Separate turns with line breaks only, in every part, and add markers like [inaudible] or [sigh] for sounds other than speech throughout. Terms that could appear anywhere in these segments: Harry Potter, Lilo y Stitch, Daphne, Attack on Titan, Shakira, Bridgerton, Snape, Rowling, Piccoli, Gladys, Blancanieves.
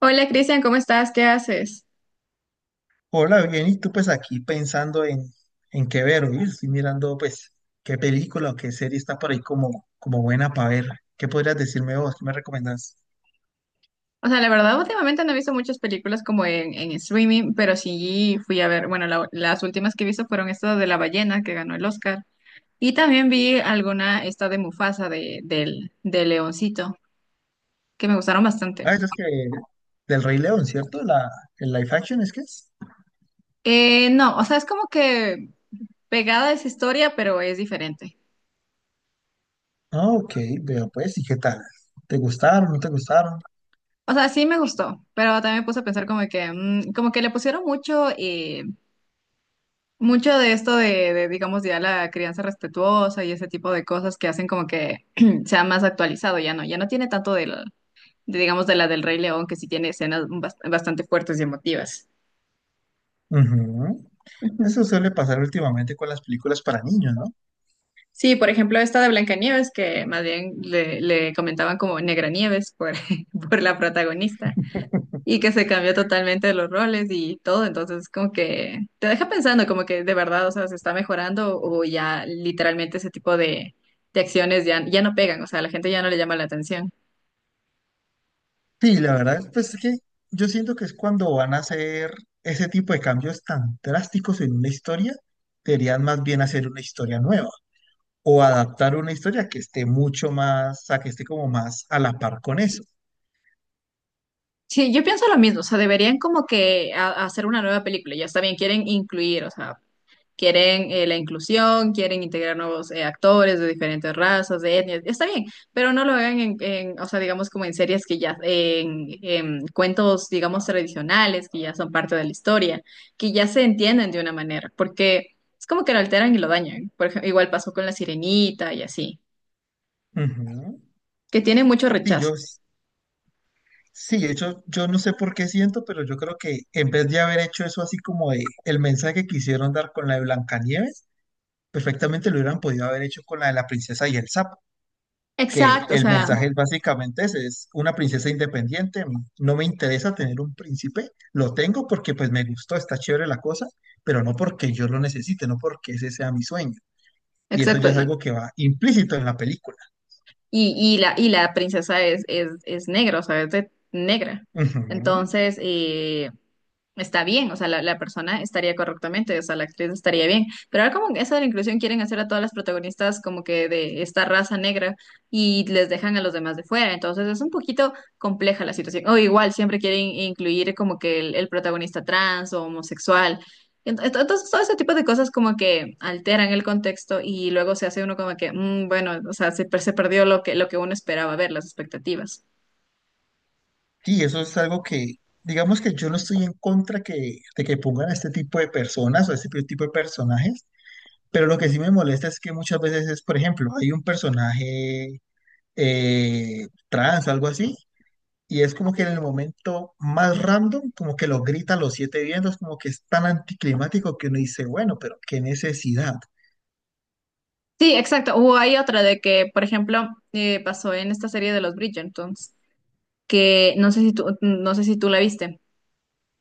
Hola, Cristian, ¿cómo estás? ¿Qué haces?
Hola, bien, y tú pues aquí pensando en qué ver. Oye, estoy mirando pues qué película o qué serie está por ahí como buena para ver. ¿Qué podrías decirme vos? ¿Qué me recomendás?
O sea, la verdad, últimamente no he visto muchas películas como en streaming, pero sí fui a ver, bueno, las últimas que he visto fueron esta de La Ballena, que ganó el Oscar, y también vi alguna, esta de Mufasa, de Leoncito, que me gustaron bastante.
Ah, eso es que del Rey León, ¿cierto? El live action es que es.
No, o sea, es como que pegada a esa historia, pero es diferente.
Ah, ok, veo pues, ¿y qué tal? ¿Te gustaron? ¿No te gustaron?
O sea, sí me gustó, pero también me puse a pensar como que, mm, como que le pusieron mucho, mucho de esto digamos, ya la crianza respetuosa y ese tipo de cosas que hacen como que [clears throat] sea más actualizado, ya no tiene tanto del, de, digamos, de la del Rey León, que sí tiene escenas bastante fuertes y emotivas.
Ujú. Eso
Ujú.
suele pasar últimamente con las películas para niños, ¿no?
Sí, por ejemplo, esta de Blancanieves, que más bien le comentaban como Negra Nieves por, [laughs] por la protagonista, y que se cambió totalmente los roles y todo, entonces como que te deja pensando como que de verdad, o sea, se está mejorando o ya literalmente ese tipo de acciones ya no pegan, o sea, a la gente ya no le llama la atención.
Sí, la verdad, pues es que yo siento que es cuando van a hacer ese tipo de cambios tan drásticos en una historia, deberían más bien hacer una historia nueva o adaptar una historia que esté mucho más, a que esté como más a la par con eso.
Sí, yo pienso lo mismo, o sea, deberían como que hacer una nueva película, ya está bien, quieren incluir, o sea, quieren la inclusión, quieren integrar nuevos actores de diferentes razas, de etnias, está bien, pero no lo hagan o sea, digamos como en series que ya, en cuentos, digamos, tradicionales, que ya son parte de la historia, que ya se entienden de una manera, porque es como que lo alteran y lo dañan. Por ejemplo, igual pasó con La Sirenita y así,
Ujú.
que tiene mucho
Sí,
rechazo.
yo, sí, de hecho, yo no sé por qué siento, pero yo creo que en vez de haber hecho eso así como de el mensaje que quisieron dar con la de Blancanieves, perfectamente lo hubieran podido haber hecho con la de la princesa y el sapo. Que
Exacto, o
el
sea,
mensaje básicamente es una princesa independiente, no me interesa tener un príncipe, lo tengo porque pues me gustó, está chévere la cosa, pero no porque yo lo necesite, no porque ese sea mi sueño. Y eso
exacto.
ya es algo que va implícito en la película.
Y la, y la princesa es negra, o sea, negra.
Ujú.
Entonces, está bien, o sea, la persona estaría correctamente, o sea, la actriz estaría bien. Pero ahora como eso de la inclusión quieren hacer a todas las protagonistas como que de esta raza negra y les dejan a los demás de fuera, entonces es un poquito compleja la situación. O igual siempre quieren incluir como que el protagonista trans o homosexual. Entonces, todo ese tipo de cosas como que alteran el contexto y luego se hace uno como que, mm, bueno, o sea, se perdió lo que uno esperaba ver, las expectativas.
Sí, eso es algo que, digamos que yo no estoy en contra que, de que pongan a este tipo de personas o a este tipo de personajes, pero lo que sí me molesta es que muchas veces es, por ejemplo, hay un personaje trans o algo así. Y es como que en el momento más random, como que lo gritan los siete vientos, como que es tan anticlimático que uno dice, bueno, pero qué necesidad.
Sí, exacto. O hay otra de que, por ejemplo, pasó en esta serie de los Bridgertons, que no sé si tú la viste,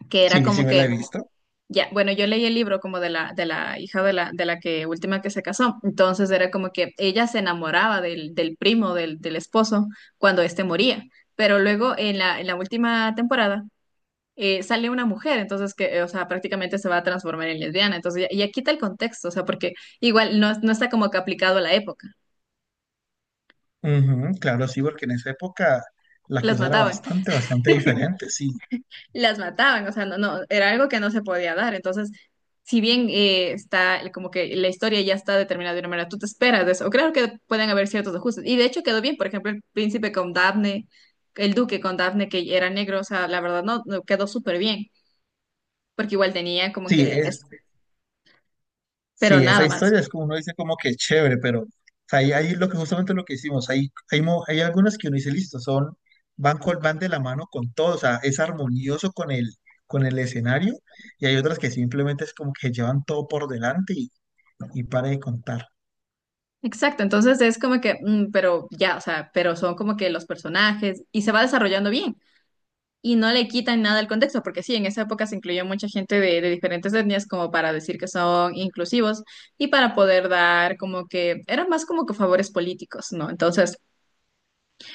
que era
Sí,
como
sí
sí,
me
que,
la he
sí,
visto.
ya, bueno, yo leí el libro como de la hija de la que última que se casó. Entonces era como que ella se enamoraba del primo, del esposo, cuando este moría. Pero luego en la última temporada, sale una mujer, entonces que, o sea, prácticamente se va a transformar en lesbiana. Entonces, y aquí está el contexto, o sea, porque igual no está como que aplicado a la época.
Ujú, claro, sí, porque en esa época la
Las
cosa era
mataban.
bastante, bastante diferente,
[laughs]
sí.
Las mataban, o sea, era algo que no se podía dar. Entonces, si bien está como que la historia ya está determinada de una manera, tú te esperas de eso, o claro que pueden haber ciertos ajustes. Y de hecho quedó bien, por ejemplo, el duque con Daphne, que era negro, o sea, la verdad no, no, quedó súper bien, porque igual tenía como
Sí,
que,
es
pero
Sí, esa
nada más.
historia es como uno dice como que chévere, pero o sea, ahí lo que justamente lo que hicimos, hay algunas que uno dice, listo, son, van, van de la mano con todo, o sea, es armonioso con el escenario, y hay otras que simplemente es como que llevan todo por delante y para de contar.
Exacto, entonces es como que, mm, pero ya, o sea, pero son como que los personajes y se va desarrollando bien, y no le quitan nada al contexto, porque sí, en esa época se incluyó mucha gente de diferentes etnias como para decir que son inclusivos y para poder dar como que, eran más como que favores políticos, ¿no? Entonces,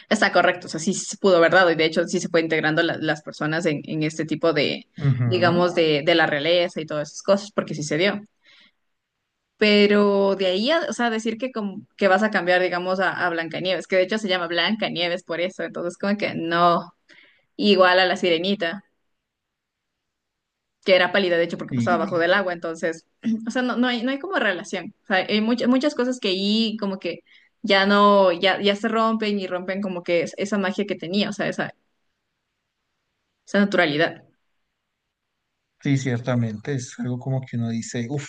está correcto, o sea, sí se pudo verdad y de hecho sí se fue integrando las personas en este tipo de,
Ujú.
digamos, de la realeza y todas esas cosas, porque sí se dio. Pero de ahí, o sea, decir que, como, que vas a cambiar, digamos, a Blancanieves, que de hecho se llama Blancanieves por eso, entonces como que no, igual a la Sirenita, que era pálida, de hecho, porque pasaba
Sí,
bajo del agua, entonces, [clears throat] o sea, no hay, no hay como relación. O sea, hay muchas, muchas cosas que ahí como que ya no, ya, ya se rompen y rompen como que esa magia que tenía, o sea, esa naturalidad.
sí, ciertamente, es algo como que uno dice, uff,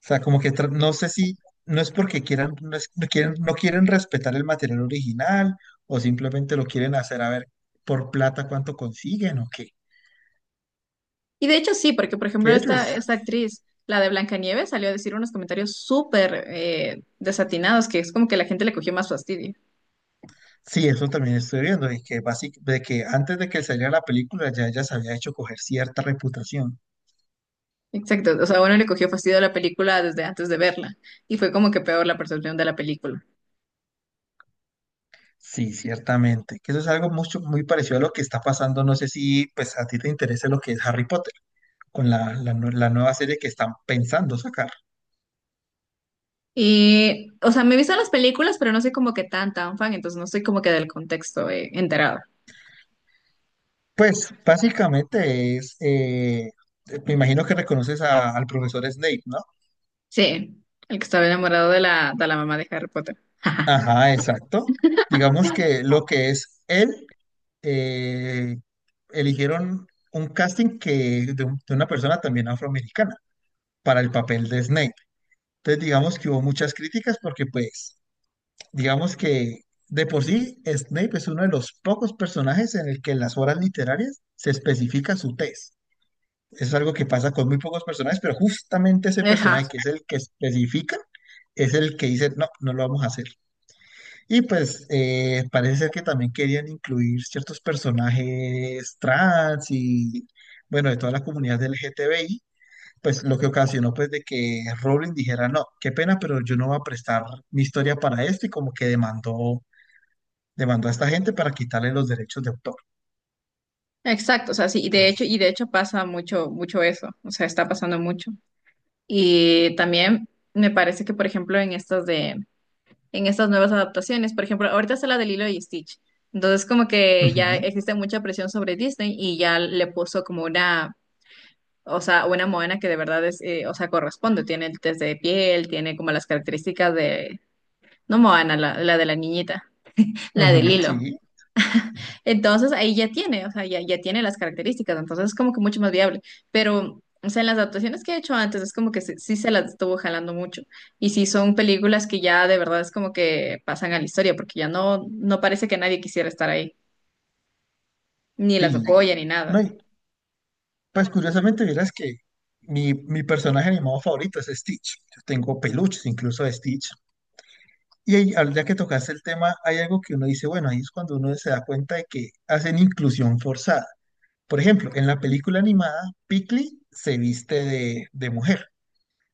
sea, como que no sé si no es porque quieran, no quieren respetar el material original o simplemente lo quieren hacer a ver por plata cuánto consiguen o qué.
Y de hecho sí, porque por ejemplo
Que ellos,
esta actriz, la de Blancanieves, salió a decir unos comentarios súper desatinados, que es como que la gente le cogió más fastidio.
sí, eso también estoy viendo, y que de que antes de que saliera la película ya ella se había hecho coger cierta reputación.
Exacto, o sea, uno le cogió fastidio a la película desde antes de verla y fue como que peor la percepción de la película.
Sí, ciertamente. Que eso es algo muy parecido a lo que está pasando. No sé si pues a ti te interesa lo que es Harry Potter, con la nueva serie que están pensando sacar.
Y, o sea, me he visto las películas, pero no soy como que tan, tan fan, entonces no estoy como que del contexto enterada.
Pues básicamente me imagino que reconoces al profesor Snape, ¿no?
Sí, el que estaba enamorado de la mamá de Harry Potter. [laughs]
Ajá, exacto. Digamos que lo que es él, eh, eligieron un casting de una persona también afroamericana para el papel de Snape. Entonces digamos que hubo muchas críticas porque pues digamos que de por sí Snape es uno de los pocos personajes en el que en las obras literarias se especifica su tez. Es algo que pasa con muy pocos personajes, pero justamente ese
Ajá,
personaje que es el que especifica, es el que dice, no, no lo vamos a hacer. Y pues parece ser que también querían incluir ciertos personajes trans y, bueno, de toda la comunidad del L g t LGTBI, pues lo que ocasionó pues de que Rowling dijera, no, qué pena, pero yo no voy a prestar mi historia para esto y como que demandó a esta gente para quitarle los derechos de autor.
exacto, o sea, sí, y
Entonces,
de hecho pasa mucho, mucho eso, o sea, está pasando mucho. Y también me parece que, por ejemplo, en estas de, en estas nuevas adaptaciones, por ejemplo, ahorita está la de Lilo y Stitch, entonces como que ya
ujú,
existe mucha presión sobre Disney y ya le puso como una, o sea, una Moana que de verdad es, o sea, corresponde. Tiene el test de piel, tiene como las características de, no Moana, la de la niñita, la de
ujú,
Lilo.
sí,
Entonces ahí ya tiene, o sea, ya tiene las características, entonces es como que mucho más viable. Pero, o sea, en las adaptaciones que he hecho antes es como que sí, sí se las estuvo jalando mucho. Y sí son películas que ya de verdad es como que pasan a la historia, porque ya no, no parece que nadie quisiera estar ahí, ni las
sí.
apoya ni
No,
nada.
pues curiosamente, vieras que mi personaje animado favorito es Stitch. Yo tengo peluches incluso de Stitch. Y ahí, ya que tocaste el tema, hay algo que uno dice, bueno, ahí es cuando uno se da cuenta de que hacen inclusión forzada. Por ejemplo, en la película animada, Piccoli se viste de mujer.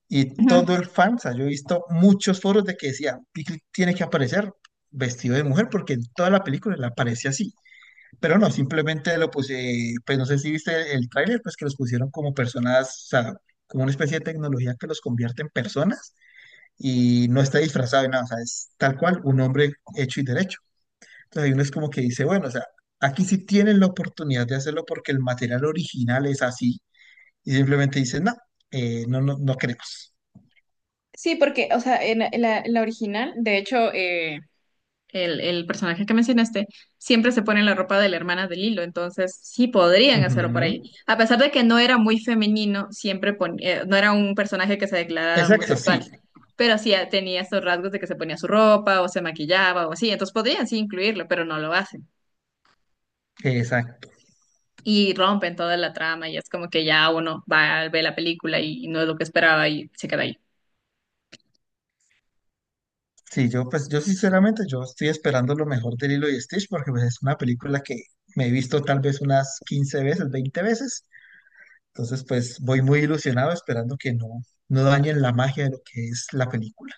Y
Ujú.
todo el fan, o sea, yo he visto muchos foros de que decían, Piccoli tiene que aparecer vestido de mujer porque en toda la película le aparece así. Pero no, simplemente lo puse, pues no sé si viste el, tráiler, pues que los pusieron como personas, o sea, como una especie de tecnología que los convierte en personas y no está disfrazado de nada, o sea, es tal cual un hombre hecho y derecho. Entonces hay uno es como que dice, bueno, o sea, aquí sí tienen la oportunidad de hacerlo porque el material original es así y simplemente dicen, no, no, no, no queremos.
Sí, porque, o sea, en la original, de hecho, el personaje que mencionaste, siempre se pone la ropa de la hermana de Lilo, entonces sí podrían hacerlo por ahí.
Ujú.
A pesar de que no era muy femenino, no era un personaje que se declarara
Exacto,
homosexual,
sí.
pero sí tenía estos rasgos de que se ponía su ropa o se maquillaba o así, entonces podrían sí incluirlo, pero no lo hacen. Y rompen toda la trama y es como que ya uno va a ver la película y no es lo que esperaba y se queda ahí.
Sí, yo pues yo sinceramente yo estoy esperando lo mejor de Lilo y Stitch porque pues es una película que me he visto tal vez unas 15 veces, 20 veces. Entonces pues voy muy ilusionado esperando que no, no dañen la magia de lo que es la película.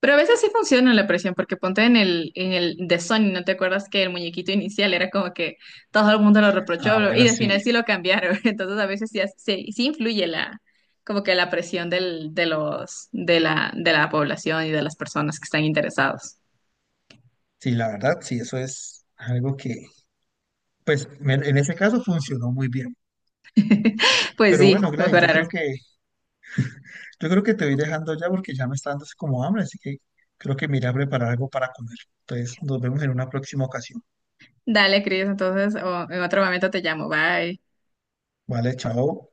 Pero a veces sí funciona la presión, porque ponte en el de Sony, ¿no te acuerdas que el muñequito inicial era como que todo el mundo lo reprochó
Ah,
bro, y
bueno,
del
sí,
final sí lo cambiaron? [laughs] Entonces a veces sí, sí influye la, como que la presión del, de la población y de las personas que están interesados.
sí, la verdad, sí, eso es algo que pues en ese caso funcionó muy bien.
[laughs] Pues
Pero
sí,
bueno, Gladys, yo creo
mejoraron.
que yo creo que te voy dejando ya porque ya me está dando así como hambre, así que creo que me iré a preparar algo para comer. Entonces nos vemos en una próxima ocasión.
Dale, Cris, entonces o en otro momento te llamo. Bye.
Vale, chao.